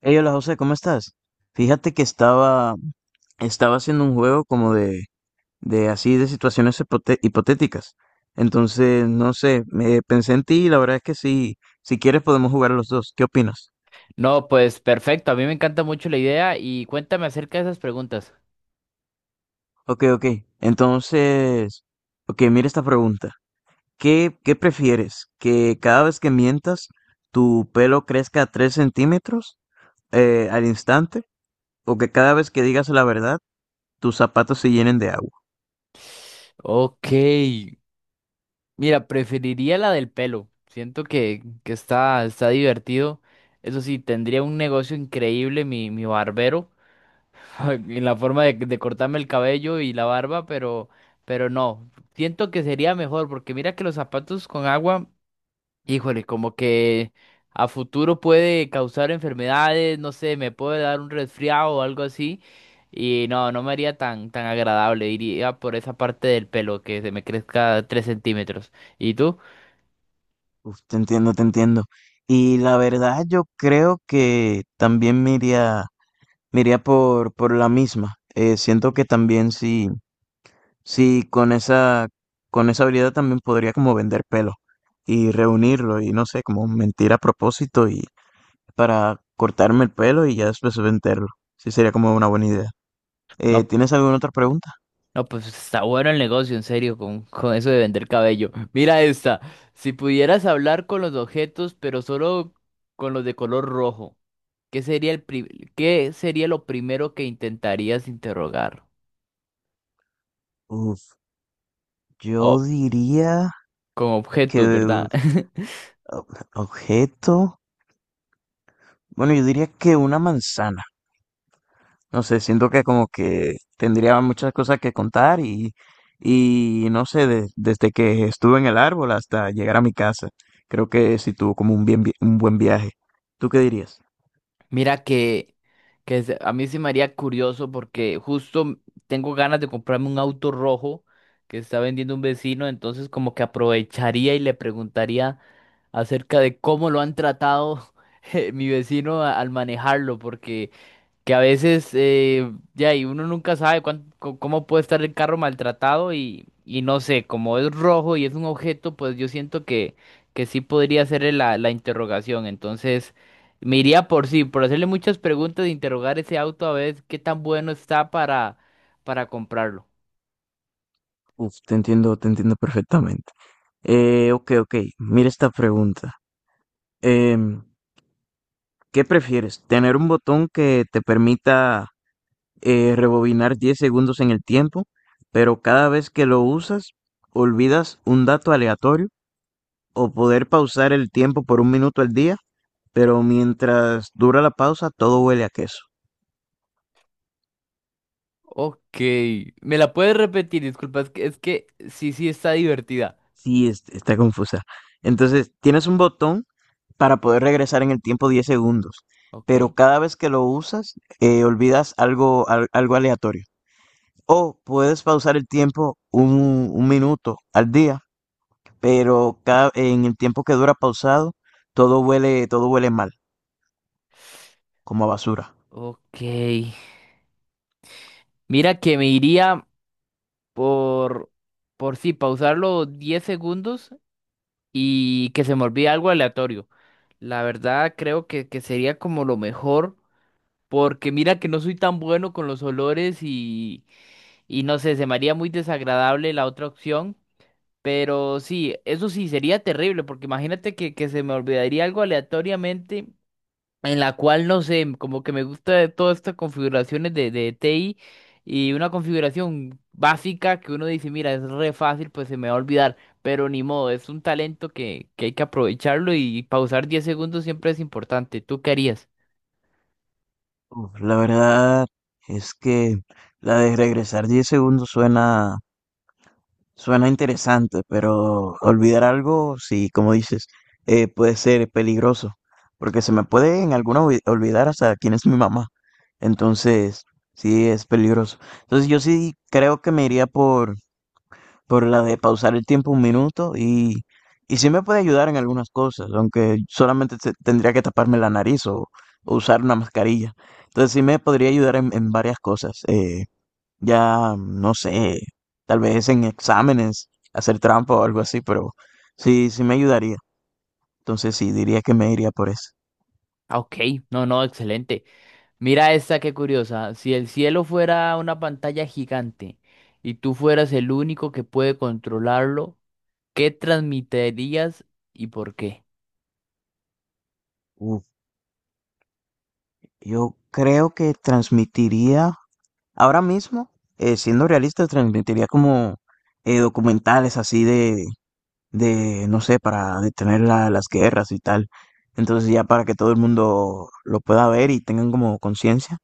Hey, hola José, ¿cómo estás? Fíjate que estaba haciendo un juego como de así de situaciones hipotéticas. Entonces, no sé, me pensé en ti y la verdad es que sí, si quieres podemos jugar los dos. ¿Qué opinas? No, pues perfecto, a mí me encanta mucho la idea y cuéntame acerca de esas preguntas. Ok, ok. Entonces, ok, mira esta pregunta. ¿Qué prefieres? ¿Que cada vez que mientas tu pelo crezca 3 centímetros al instante? ¿O que cada vez que digas la verdad tus zapatos se llenen de agua? Ok, mira, preferiría la del pelo. Siento que está divertido. Eso sí, tendría un negocio increíble mi barbero, en la forma de cortarme el cabello y la barba, pero no, siento que sería mejor porque mira que los zapatos con agua. Híjole, como que a futuro puede causar enfermedades, no sé, me puede dar un resfriado o algo así. Y no, no me haría tan agradable. Iría por esa parte del pelo que se me crezca 3 centímetros. ¿Y tú? Uf, te entiendo, te entiendo. Y la verdad, yo creo que también me iría por, la misma. Siento que también sí, sí, con esa habilidad también podría como vender pelo y reunirlo y no sé, como mentir a propósito y para cortarme el pelo y ya después venderlo. Sí, sería como una buena idea. No, ¿Tienes alguna otra pregunta? no, pues está bueno el negocio, en serio, con eso de vender cabello. Mira esta. Si pudieras hablar con los objetos, pero solo con los de color rojo, ¿ qué sería lo primero que intentarías interrogar? Uf, O yo diría con que objetos, ¿verdad? Objeto, bueno, yo diría que una manzana. No sé, siento que como que tendría muchas cosas que contar y no sé, desde que estuve en el árbol hasta llegar a mi casa, creo que sí tuvo como un buen viaje. ¿Tú qué dirías? Mira que a mí se me haría curioso porque justo tengo ganas de comprarme un auto rojo que está vendiendo un vecino, entonces como que aprovecharía y le preguntaría acerca de cómo lo han tratado, mi vecino al manejarlo, porque que a veces ya y uno nunca sabe cómo puede estar el carro maltratado y no sé, como es rojo y es un objeto, pues yo siento que sí podría ser la interrogación. Entonces, me iría por sí, por hacerle muchas preguntas e interrogar ese auto a ver qué tan bueno está para comprarlo. Uf, te entiendo perfectamente. Ok, ok, mira esta pregunta. Em, ¿Qué prefieres? ¿Tener un botón que te permita rebobinar 10 segundos en el tiempo, pero cada vez que lo usas, olvidas un dato aleatorio? ¿O poder pausar el tiempo por un minuto al día, pero mientras dura la pausa todo huele a queso? Ok, ¿me la puedes repetir? Disculpa, es que sí, sí está divertida. Sí, está confusa. Entonces, tienes un botón para poder regresar en el tiempo 10 segundos, pero Ok, cada vez que lo usas, olvidas algo, algo aleatorio. O puedes pausar el tiempo un minuto al día, pero en el tiempo que dura pausado, todo huele mal, como a basura. ok. Mira que me iría por, por sí, pausarlo 10 segundos y que se me olvide algo aleatorio. La verdad creo que sería como lo mejor, porque mira que no soy tan bueno con los olores y no sé, se me haría muy desagradable la otra opción. Pero sí, eso sí sería terrible, porque imagínate que se me olvidaría algo aleatoriamente en la cual no sé, como que me gusta de todas estas configuraciones de TI y una configuración básica que uno dice, mira, es re fácil, pues se me va a olvidar, pero ni modo, es un talento que hay que aprovecharlo y pausar 10 segundos siempre es importante. ¿Tú qué harías? Uf, la verdad es que la de regresar 10 segundos suena interesante, pero olvidar algo, sí, como dices, puede ser peligroso, porque se me puede en alguna olvidar hasta quién es mi mamá. Entonces, sí, es peligroso. Entonces, yo sí creo que me iría por la de pausar el tiempo un minuto y sí me puede ayudar en algunas cosas, aunque solamente tendría que taparme la nariz o, usar una mascarilla. Entonces sí me podría ayudar en varias cosas. Ya, no sé, tal vez en exámenes, hacer trampa o algo así, pero sí, sí me ayudaría. Entonces sí, diría que me iría por eso. Ah, ok, no, no, excelente. Mira esta, qué curiosa. Si el cielo fuera una pantalla gigante y tú fueras el único que puede controlarlo, ¿qué transmitirías y por qué? Uf, yo creo que transmitiría ahora mismo, siendo realista, transmitiría como documentales así de, no sé, para detener las guerras y tal. Entonces ya para que todo el mundo lo pueda ver y tengan como conciencia.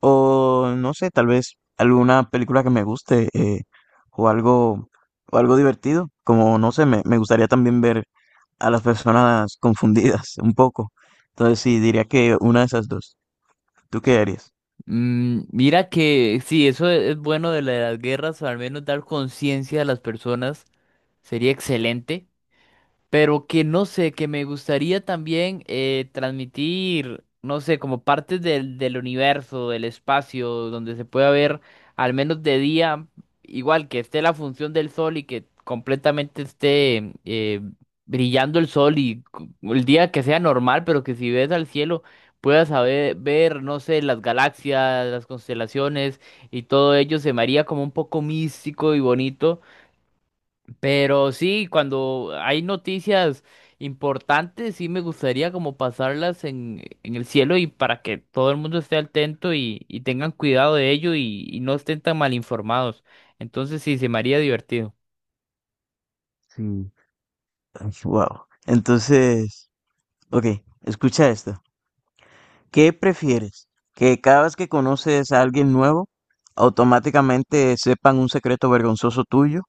O no sé, tal vez alguna película que me guste o algo, o algo divertido. Como, no sé, me gustaría también ver a las personas confundidas un poco. Entonces sí, diría que una de esas dos. ¿Tú qué harías? Mm, mira que sí, eso es bueno de de las guerras, o al menos dar conciencia a las personas sería excelente, pero que no sé, que me gustaría también transmitir, no sé, como partes del universo, del espacio, donde se pueda ver al menos de día, igual que esté la función del sol y que completamente esté brillando el sol y el día que sea normal, pero que si ves al cielo puedas saber, ver, no sé, las galaxias, las constelaciones, y todo ello se me haría como un poco místico y bonito. Pero sí, cuando hay noticias importantes, sí me gustaría como pasarlas en el cielo y para que todo el mundo esté atento y tengan cuidado de ello y no estén tan mal informados. Entonces sí, se me haría divertido. Sí. Wow. Entonces. Ok, escucha esto. ¿Qué prefieres? ¿Que cada vez que conoces a alguien nuevo, automáticamente sepan un secreto vergonzoso tuyo?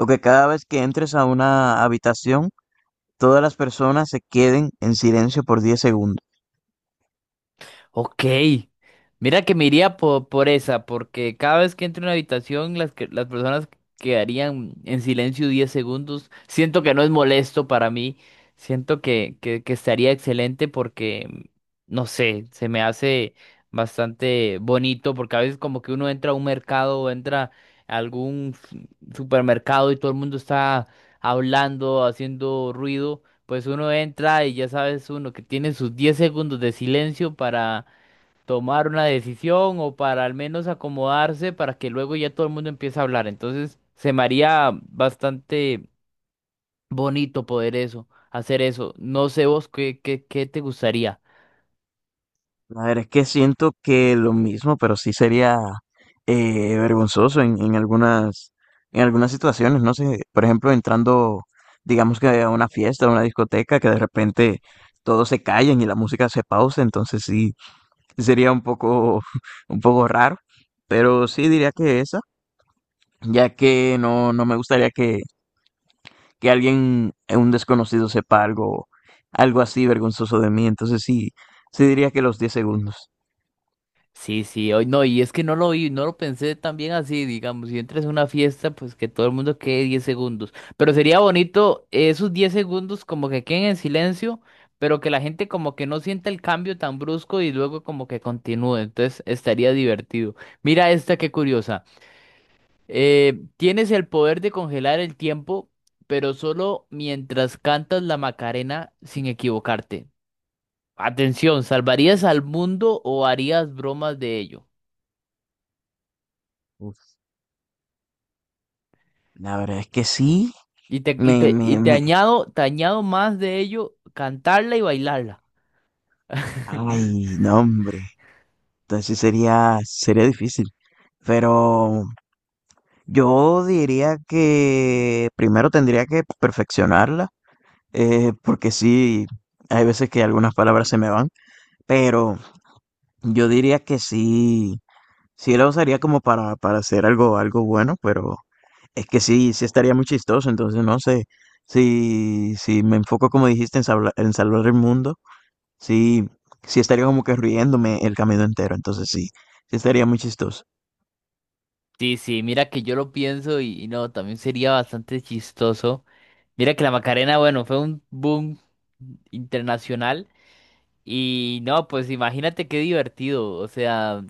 ¿O que cada vez que entres a una habitación, todas las personas se queden en silencio por 10 segundos? Ok, mira que me iría por, esa, porque cada vez que entro en una habitación, las personas quedarían en silencio 10 segundos. Siento que no es molesto para mí, siento que estaría excelente porque, no sé, se me hace bastante bonito, porque a veces como que uno entra a un mercado o entra a algún supermercado y todo el mundo está hablando, haciendo ruido. Pues uno entra y ya sabes uno que tiene sus 10 segundos de silencio para tomar una decisión o para al menos acomodarse para que luego ya todo el mundo empiece a hablar. Entonces se me haría bastante bonito poder eso, hacer eso. No sé vos qué te gustaría. A ver, es que siento que lo mismo, pero sí sería vergonzoso en algunas situaciones, no sé, por ejemplo, entrando, digamos que a una fiesta, a una discoteca, que de repente todos se callen y la música se pausa, entonces sí, sería un poco, un poco raro, pero sí diría que esa, ya que no, no me gustaría que, alguien, un desconocido, sepa algo así vergonzoso de mí, entonces sí, sí diría que los 10 segundos. Sí, sí, hoy no, y es que no lo vi, no lo pensé tan bien así, digamos, si entras a una fiesta, pues que todo el mundo quede 10 segundos, pero sería bonito, esos 10 segundos como que queden en silencio, pero que la gente como que no sienta el cambio tan brusco y luego como que continúe, entonces estaría divertido. Mira esta, qué curiosa. Tienes el poder de congelar el tiempo, pero solo mientras cantas la Macarena sin equivocarte. Atención, ¿salvarías al mundo o harías bromas de ello? Uf, la verdad es que sí, Y te, y me, te, y me, te me, añado, te añado más de ello, cantarla y bailarla. ay, no, hombre, entonces sí sería difícil, pero yo diría que primero tendría que perfeccionarla, porque sí, hay veces que algunas palabras se me van. Pero yo diría que sí, sí lo usaría como para, hacer algo bueno, pero es que sí, sí estaría muy chistoso, entonces no sé, si me enfoco como dijiste en salvar el mundo, sí, sí estaría como que riéndome el camino entero, entonces sí, sí estaría muy chistoso, Sí, sí, mira que yo lo pienso y no, también sería bastante chistoso. Mira que la Macarena, bueno, fue un boom internacional y no, pues imagínate qué divertido, o sea,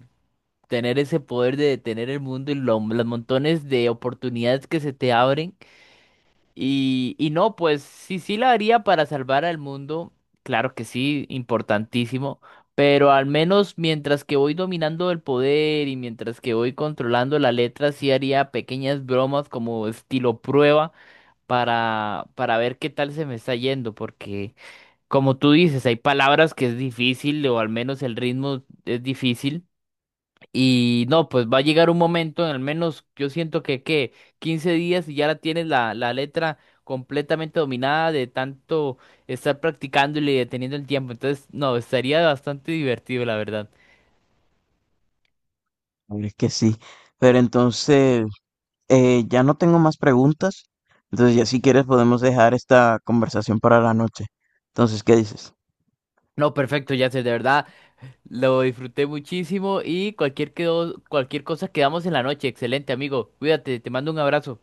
tener ese poder de detener el mundo y los montones de oportunidades que se te abren. Y no, pues sí, sí la haría para salvar al mundo, claro que sí, importantísimo, pero al menos mientras que voy dominando el poder y mientras que voy controlando la letra, sí haría pequeñas bromas como estilo prueba para ver qué tal se me está yendo, porque como tú dices, hay palabras que es difícil o al menos el ritmo es difícil. Y no, pues va a llegar un momento, en al menos yo siento que 15 días y ya la tienes la letra completamente dominada de tanto estar practicándole y deteniendo el tiempo. Entonces, no, estaría bastante divertido, la verdad. es que sí, pero entonces ya no tengo más preguntas, entonces ya si quieres podemos dejar esta conversación para la noche, entonces, ¿qué dices? No, perfecto, ya sé, de verdad, lo disfruté muchísimo y cualquier cosa quedamos en la noche. Excelente, amigo. Cuídate, te mando un abrazo.